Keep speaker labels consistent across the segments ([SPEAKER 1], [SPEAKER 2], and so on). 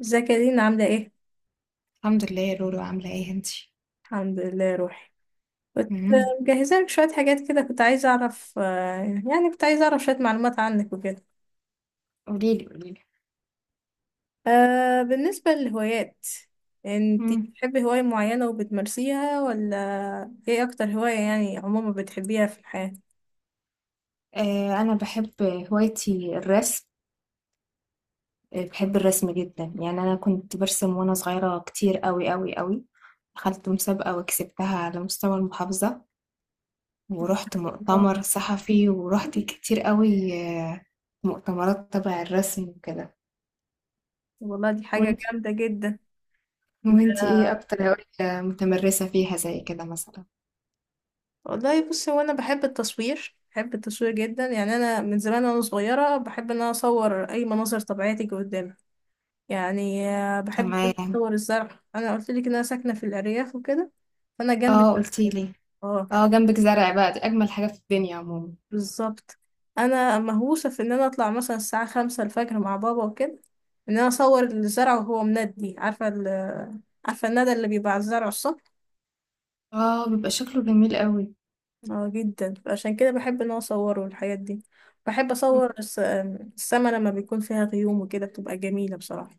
[SPEAKER 1] ازيك يا دينا؟ عاملة ايه؟
[SPEAKER 2] الحمد لله يا لولو عاملة ايه انتي؟
[SPEAKER 1] الحمد لله روحي. كنت
[SPEAKER 2] مم.
[SPEAKER 1] مجهزة لك شوية حاجات كده. كنت عايزة أعرف، كنت عايزة أعرف شوية معلومات عنك وكده.
[SPEAKER 2] قوليلي قوليلي.
[SPEAKER 1] بالنسبة للهوايات، انتي
[SPEAKER 2] مم.
[SPEAKER 1] بتحبي هواية معينة وبتمارسيها ولا؟ ايه أكتر هواية يعني عموما بتحبيها في الحياة؟
[SPEAKER 2] أنا بحب هوايتي الرسم. بحب الرسم جدا يعني أنا كنت برسم وأنا صغيرة كتير قوي قوي قوي. دخلت مسابقة وكسبتها على مستوى المحافظة. ورحت
[SPEAKER 1] الله،
[SPEAKER 2] مؤتمر صحفي ورحت كتير قوي مؤتمرات تبع الرسم وكده.
[SPEAKER 1] والله دي حاجة
[SPEAKER 2] وانتي
[SPEAKER 1] جامدة جدا. انت
[SPEAKER 2] وانتي ايه أكتر هواية متمرسة فيها زي كده مثلا؟
[SPEAKER 1] والله بصي، هو أنا بحب التصوير، بحب التصوير جدا، يعني أنا من زمان وأنا صغيرة بحب إن أنا أصور أي مناظر طبيعية تيجي قدامي. يعني بحب
[SPEAKER 2] تمام.
[SPEAKER 1] اصور الزرع. انا قلت لك ان انا ساكنه في الارياف وكده، فانا جنب
[SPEAKER 2] اه قلتيلي.
[SPEAKER 1] اه
[SPEAKER 2] اه جنبك زرع بقى دي أجمل حاجة في الدنيا عموما.
[SPEAKER 1] بالظبط. انا مهووسه في ان انا اطلع مثلا الساعه 5 الفجر مع بابا وكده، ان انا اصور الزرع وهو مندي. عارفه عارفه الندى اللي بيبقى على الزرع الصبح؟
[SPEAKER 2] آه، بيبقى شكله جميل أوي.
[SPEAKER 1] اه جدا، عشان كده بحب ان انا اصوره الحاجات دي. بحب
[SPEAKER 2] إمم،
[SPEAKER 1] اصور السما لما بيكون فيها غيوم وكده، بتبقى جميله بصراحه.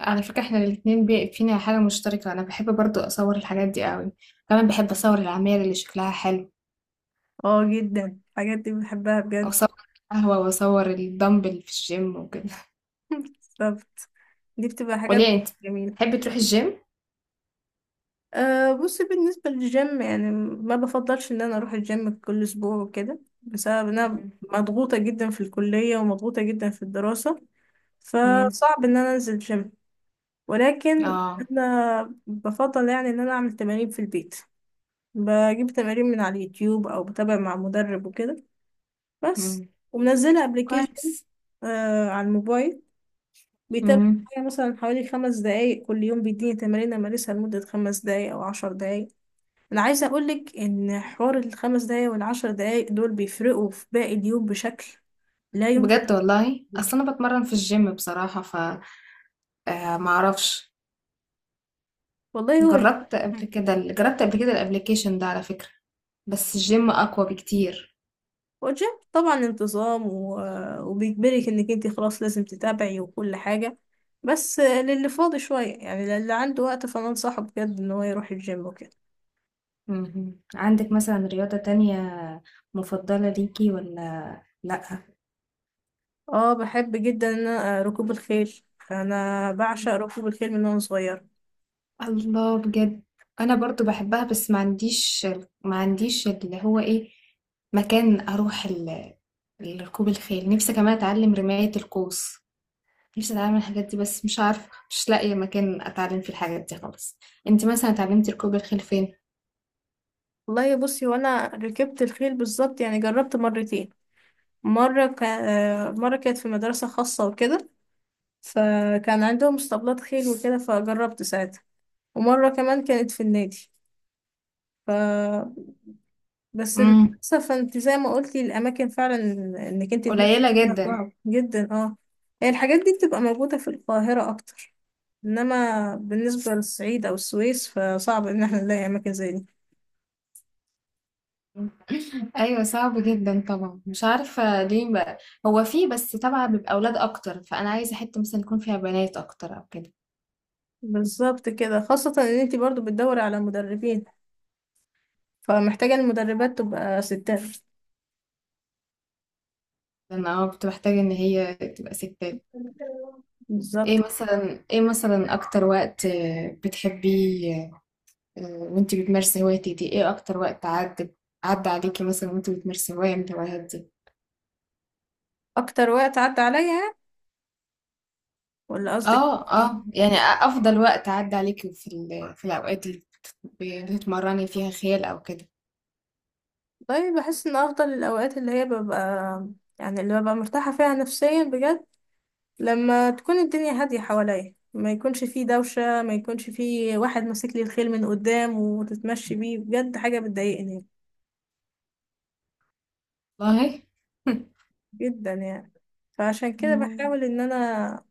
[SPEAKER 2] على فكرة إحنا الاتنين فينا حاجة مشتركة، أنا باحب برضه أصوّر الحاجات دي أوي، كمان باحب أصوّر العماير اللي شكلها حلو،
[SPEAKER 1] اه جدا الحاجات دي بحبها بجد.
[SPEAKER 2] وأصوّر القهوة وأصوّر الدمبل في الgym وكده.
[SPEAKER 1] بالظبط، دي بتبقى حاجات
[SPEAKER 2] قولي لي أنتِ،
[SPEAKER 1] جميله.
[SPEAKER 2] تحبي تروحي الgym؟
[SPEAKER 1] أه بصي، بالنسبة للجيم يعني ما بفضلش ان انا اروح الجيم كل اسبوع وكده، بسبب ان انا
[SPEAKER 2] إمم.
[SPEAKER 1] مضغوطة جدا في الكلية ومضغوطة جدا في الدراسة.
[SPEAKER 2] إمم.
[SPEAKER 1] فصعب ان انا انزل جيم، ولكن
[SPEAKER 2] آه.
[SPEAKER 1] انا بفضل يعني ان انا اعمل تمارين في البيت. بجيب تمارين من على اليوتيوب او بتابع مع مدرب وكده، بس.
[SPEAKER 2] إمم.
[SPEAKER 1] ومنزلة ابلكيشن
[SPEAKER 2] كويس.
[SPEAKER 1] على الموبايل، بيتابع
[SPEAKER 2] إمم.
[SPEAKER 1] معايا مثلا حوالي 5 دقايق كل يوم. بيديني تمارين امارسها لمدة 5 دقايق او 10 دقايق. انا عايزه اقولك ان حوار ال5 دقايق وال10 دقايق دول بيفرقوا في باقي اليوم بشكل لا يمكن.
[SPEAKER 2] بجد والله! أصل أنا باتمرّن في الgym بصراحة ما أعرفش،
[SPEAKER 1] والله هو
[SPEAKER 2] جرّبت قبل كده الapplication ده على فكرة، بس الgym أقوى بكتير.
[SPEAKER 1] هو الجيم طبعا انتظام، وبيجبرك انك انت خلاص لازم تتابعي وكل حاجه. بس للي فاضي شويه، يعني للي عنده وقت فانا انصحه بجد ان هو يروح الجيم وكده.
[SPEAKER 2] اهم. عندِك مثلًا رياضة تانية مفضلة ليكِ والّا لأ؟
[SPEAKER 1] اه بحب جدا ان أنا، ركوب الخيل. انا بعشق ركوب الخيل من وانا صغيره.
[SPEAKER 2] الله بجد! أنا برضه باحبها بس ما عنديش اللي هو إيه، مكان أروح لركوب الخيل، نفسي كمان أتعلم رماية القوس، نفسي أتعلم الحاجات دي بس مش عارفة، مش لاقية مكان أتعلم فيه الحاجات دي خالص. أنتِ مثلًا اتعلمتِ ركوب الخيل فين؟
[SPEAKER 1] والله بصي، وانا ركبت الخيل بالظبط، يعني جربت مرتين. مرة كانت في مدرسة خاصة وكده، فكان عندهم اسطبلات خيل وكده، فجربت ساعتها. ومرة كمان كانت في النادي. ف بس
[SPEAKER 2] إمم.
[SPEAKER 1] للأسف انت زي ما قلتي، الأماكن فعلا انك انت تمارسي
[SPEAKER 2] قليلة
[SPEAKER 1] فيها
[SPEAKER 2] جدًا.
[SPEAKER 1] صعب جدا، اه. هي الحاجات دي بتبقى موجودة في القاهرة أكتر، إنما بالنسبة للصعيد أو السويس فصعب إن احنا نلاقي أماكن زي دي.
[SPEAKER 2] ايوه صعب جدا طبعا مش عارفه ليه بقى. هو فيه بس طبعا بيبقى اولاد اكتر فانا عايزه حته مثلا يكون فيها بنات اكتر او كده.
[SPEAKER 1] بالظبط كده، خاصة إن انت برضو بتدوري على مدربين، فمحتاجة المدربات تبقى ستات.
[SPEAKER 2] لان انا كنت محتاجه ان هي تبقى ستات.
[SPEAKER 1] بالظبط.
[SPEAKER 2] ايه مثلا اكتر وقت بتحبيه. وانتي بتمارسي هوايتك دي ايه اكتر وقت عدى عليكي مثلا وانتي بتمارسي هوايه من الهوايات دي.
[SPEAKER 1] اكتر وقت عدى عليا، ولا قصدك؟
[SPEAKER 2] اه اه يعني افضل وقت عدى عليكي في الاوقات اللي بتتمرني فيها خيال او كده.
[SPEAKER 1] طيب، بحس ان افضل الاوقات اللي ببقى مرتاحة فيها نفسيا بجد، لما تكون الدنيا هادية حواليا، ما يكونش فيه دوشة، ما يكونش فيه واحد ماسك لي الخيل من قدام وتتمشي بيه. بجد حاجة بتضايقني
[SPEAKER 2] والله.
[SPEAKER 1] جدا يعني، فعشان كده بحاول ان انا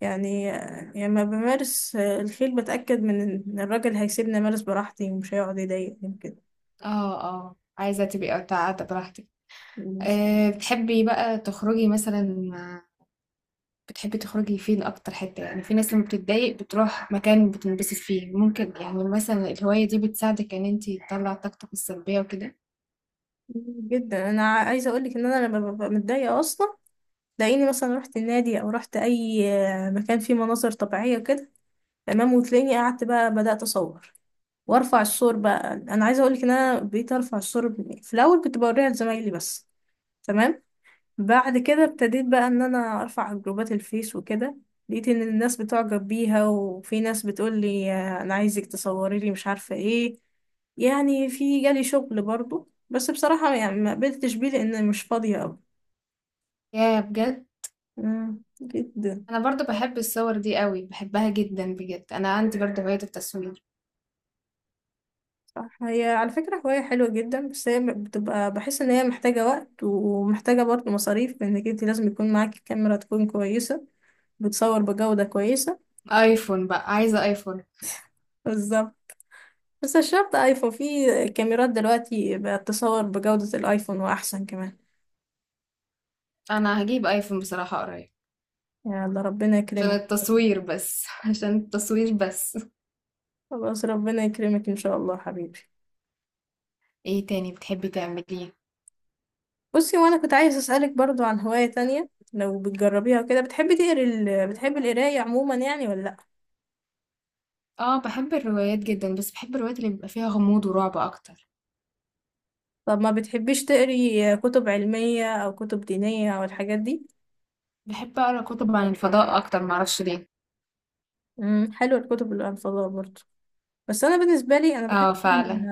[SPEAKER 1] يعني لما بمارس الخيل بتأكد من ان الراجل هيسيبني امارس براحتي ومش هيقعد يضايقني
[SPEAKER 2] اه اه عايزة تبقي قاعدة براحتك.
[SPEAKER 1] كده.
[SPEAKER 2] أه بتحبي بقى تخرجي مثلا مع- بتحبي تخرجي فين أكتر حتة يعني في ناس لما بتتضايق بتروح مكان بتنبسط فيه ممكن يعني مثلا الهواية دي بتساعدك إن انتي تطلع طاقتك السلبية وكده.
[SPEAKER 1] جدا انا عايزه اقول لك ان انا لما ببقى متضايقه اصلا، تلاقيني مثلا رحت النادي او رحت اي مكان فيه مناظر طبيعيه كده. تمام، وتلاقيني قعدت بقى بدات اصور، وارفع الصور بقى. انا عايزه اقول لك ان انا بقيت ارفع الصور، في الاول كنت بوريها لزمايلي بس. تمام. بعد كده ابتديت بقى ان انا ارفع على جروبات الفيس وكده، لقيت ان الناس بتعجب بيها، وفي ناس بتقول لي، انا عايزك تصوري لي مش عارفة ايه، يعني في جالي شغل برضو، بس بصراحة يعني ما قبلتش بيه لان مش فاضية اوي.
[SPEAKER 2] يا بجد.
[SPEAKER 1] جدا.
[SPEAKER 2] أنا برضو بحب الصور دي قوي بحبها جدا بجد أنا عندي برضو هواية التصوير.
[SPEAKER 1] صح، هي على فكرة هواية حلوة جدا، بس هي بتبقى، بحس ان هي محتاجة وقت ومحتاجة برضو مصاريف، لانك انت لازم يكون معاكي كاميرا تكون كويسة، بتصور بجودة كويسة.
[SPEAKER 2] آيفون بقى عايزة آيفون.
[SPEAKER 1] بالظبط. بس مش شرط ايفون، في كاميرات دلوقتي بقت تصور بجودة الايفون واحسن كمان.
[SPEAKER 2] أنا هجيب آيفون بصراحة قريب
[SPEAKER 1] يلا ربنا
[SPEAKER 2] عشان
[SPEAKER 1] يكرمك.
[SPEAKER 2] التصوير بس. عشان التصوير بس.
[SPEAKER 1] خلاص، ربنا يكرمك ان شاء الله حبيبي.
[SPEAKER 2] ايه تاني بتحبي تعمليه؟
[SPEAKER 1] بصي، وانا كنت عايز اسالك برضو عن هواية تانية لو بتجربيها وكده. بتحبي القراية عموما يعني، ولا لا؟
[SPEAKER 2] اه بحب الروايات جدا بس بحب الروايات اللي بيبقى فيها غموض ورعب اكتر.
[SPEAKER 1] طب ما بتحبيش تقري كتب علمية او كتب دينية او الحاجات دي؟
[SPEAKER 2] بحب اقرا كتب عن الفضاء اكتر معرفش ليه.
[SPEAKER 1] حلوة الكتب الانفضاء برضو، بس انا بالنسبة لي انا
[SPEAKER 2] اه
[SPEAKER 1] بحب
[SPEAKER 2] فعلا.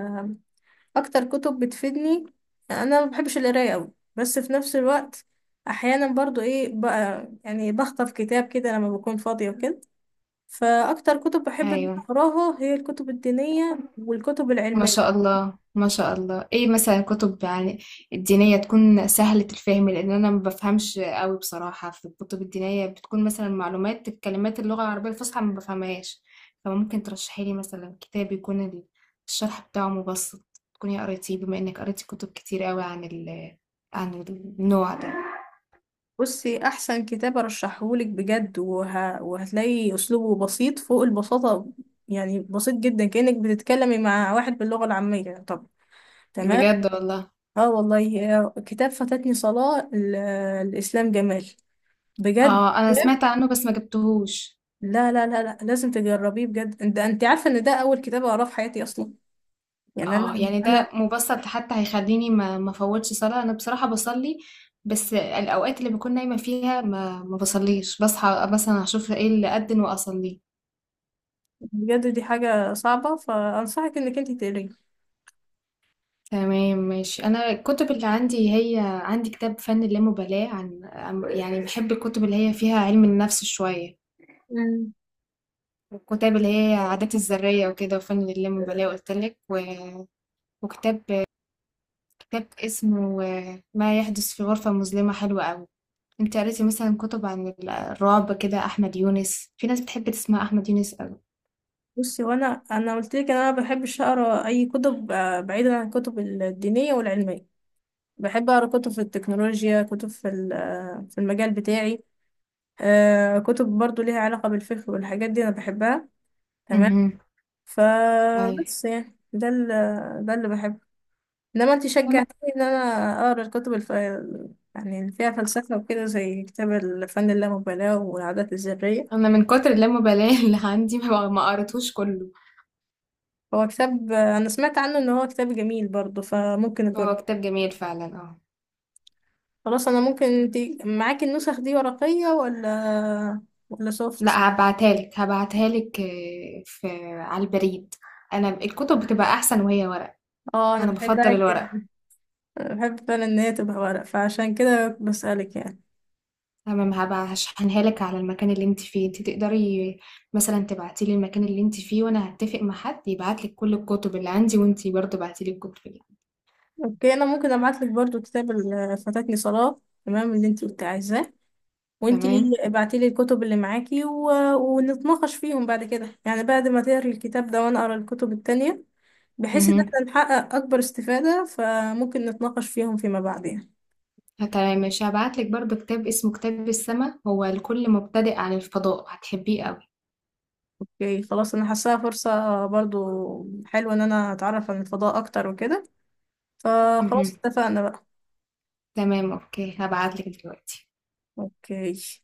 [SPEAKER 1] اكتر كتب بتفيدني. انا ما بحبش القرايه قوي، بس في نفس الوقت احيانا برضو، ايه بقى يعني، بخطف كتاب كده لما بكون فاضيه وكده. فاكتر كتب بحب ان أنا
[SPEAKER 2] ايوه
[SPEAKER 1] اقراها هي الكتب الدينيه والكتب
[SPEAKER 2] ما
[SPEAKER 1] العلميه.
[SPEAKER 2] شاء الله ما شاء الله ايه مثلا كتب يعني الدينية تكون سهلة الفهم لان انا ما بفهمش قوي بصراحة في الكتب الدينية بتكون مثلا معلومات الكلمات اللغة العربية الفصحى ما بفهمهاش. فممكن ترشحي لي مثلا كتاب يكون الشرح بتاعه مبسط. تكوني قريتيه بما انك قريتي كتب كتير قوي عن النوع ده.
[SPEAKER 1] بصي، احسن كتاب ارشحهولك بجد، وهتلاقي اسلوبه بسيط فوق البساطه. يعني بسيط جدا، كانك بتتكلمي مع واحد باللغه العاميه. طب تمام.
[SPEAKER 2] بجد والله.
[SPEAKER 1] اه والله، كتاب فاتتني صلاه الاسلام جمال، بجد.
[SPEAKER 2] اه انا سمعت عنه بس ما جبتهوش.
[SPEAKER 1] لا لا لا لا، لازم تجربيه بجد. ده انت عارفه ان ده اول كتاب اقراه في حياتي اصلا، يعني
[SPEAKER 2] اه
[SPEAKER 1] انا
[SPEAKER 2] يعني
[SPEAKER 1] انا
[SPEAKER 2] ده مبسط حتى هيخليني ما فوتش صلاة انا بصراحة بصلي بس الاوقات اللي بكون نايمة فيها ما بصليش بصحى مثلا اشوف ايه اللي اذن واصلي.
[SPEAKER 1] بجد. دي حاجه صعبه، فانصحك انك انت تقريه.
[SPEAKER 2] تمام ماشي. انا الكتب اللي عندي هي عندي كتاب فن اللامبالاة يعني بحب الكتب اللي هي فيها علم النفس شوية.
[SPEAKER 1] مم.
[SPEAKER 2] والكتاب اللي هي عادات الذرية وكده وفن اللامبالاة قلت لك وكتاب كتاب اسمه ما يحدث في غرفة مظلمة حلو قوي. انت قريتي مثلا كتب عن الرعب كده احمد يونس في ناس بتحب تسمع احمد يونس قوي.
[SPEAKER 1] بصي، وانا قلت لك، انا ما بحبش اقرا اي كتب، بعيدا عن الكتب الدينيه والعلميه. بحب اقرا كتب في التكنولوجيا، كتب في في المجال بتاعي، كتب برضو ليها علاقه بالفقه والحاجات دي انا بحبها. تمام.
[SPEAKER 2] امم. ايوه.
[SPEAKER 1] فبس يعني ده اللي بحبه، انما انت
[SPEAKER 2] انا
[SPEAKER 1] شجعتني ان انا اقرا يعني اللي فيها فلسفه وكده، زي كتاب الفن اللامبالاه والعادات الذريه.
[SPEAKER 2] أنا من كتر اللامبالاة اللي عندي ما قريتهوش كله.
[SPEAKER 1] هو كتاب انا سمعت عنه ان هو كتاب جميل برضه، فممكن اجرب.
[SPEAKER 2] هو كتاب جميل فعلا اه.
[SPEAKER 1] خلاص، انا ممكن. معاكي النسخ دي ورقيه ولا، سوفت؟
[SPEAKER 2] لا هبعتها لك هبعتها لك في على البريد. انا الكتب بتبقى احسن وهي ورق.
[SPEAKER 1] اه انا
[SPEAKER 2] انا
[SPEAKER 1] بحبها
[SPEAKER 2] بفضل الورق.
[SPEAKER 1] جدا. أنا بحب فعلا ان هي تبقى ورق، فعشان كده بسألك يعني.
[SPEAKER 2] تمام هبقى هشحنها لك على المكان اللي انت فيه انت تقدري مثلا تبعتي لي المكان اللي انت فيه وانا هتفق مع حد يبعت لك كل الكتب اللي عندي وانت برضه بعتي لي الكتب اللي
[SPEAKER 1] اوكي، انا ممكن ابعت لك برضو كتاب فاتتني صلاة، تمام، اللي انت كنت عايزاه. وانتي
[SPEAKER 2] تمام.
[SPEAKER 1] ابعتيلي الكتب اللي معاكي ونتناقش فيهم بعد كده، يعني بعد ما تقري الكتاب ده وانا اقرا الكتب التانية، بحيث ان
[SPEAKER 2] مهم.
[SPEAKER 1] احنا نحقق اكبر استفادة، فممكن نتناقش فيهم فيما بعد يعني.
[SPEAKER 2] تمام مش هبعت لك برضو كتاب اسمه كتاب السماء هو لكل مبتدئ عن الفضاء هتحبيه قوي.
[SPEAKER 1] اوكي خلاص، انا حاساها فرصة برضو حلوة ان انا اتعرف عن الفضاء اكتر وكده،
[SPEAKER 2] مهم.
[SPEAKER 1] فخلاص اتفقنا بقى.
[SPEAKER 2] تمام اوكي هبعت لك دلوقتي.
[SPEAKER 1] اوكي.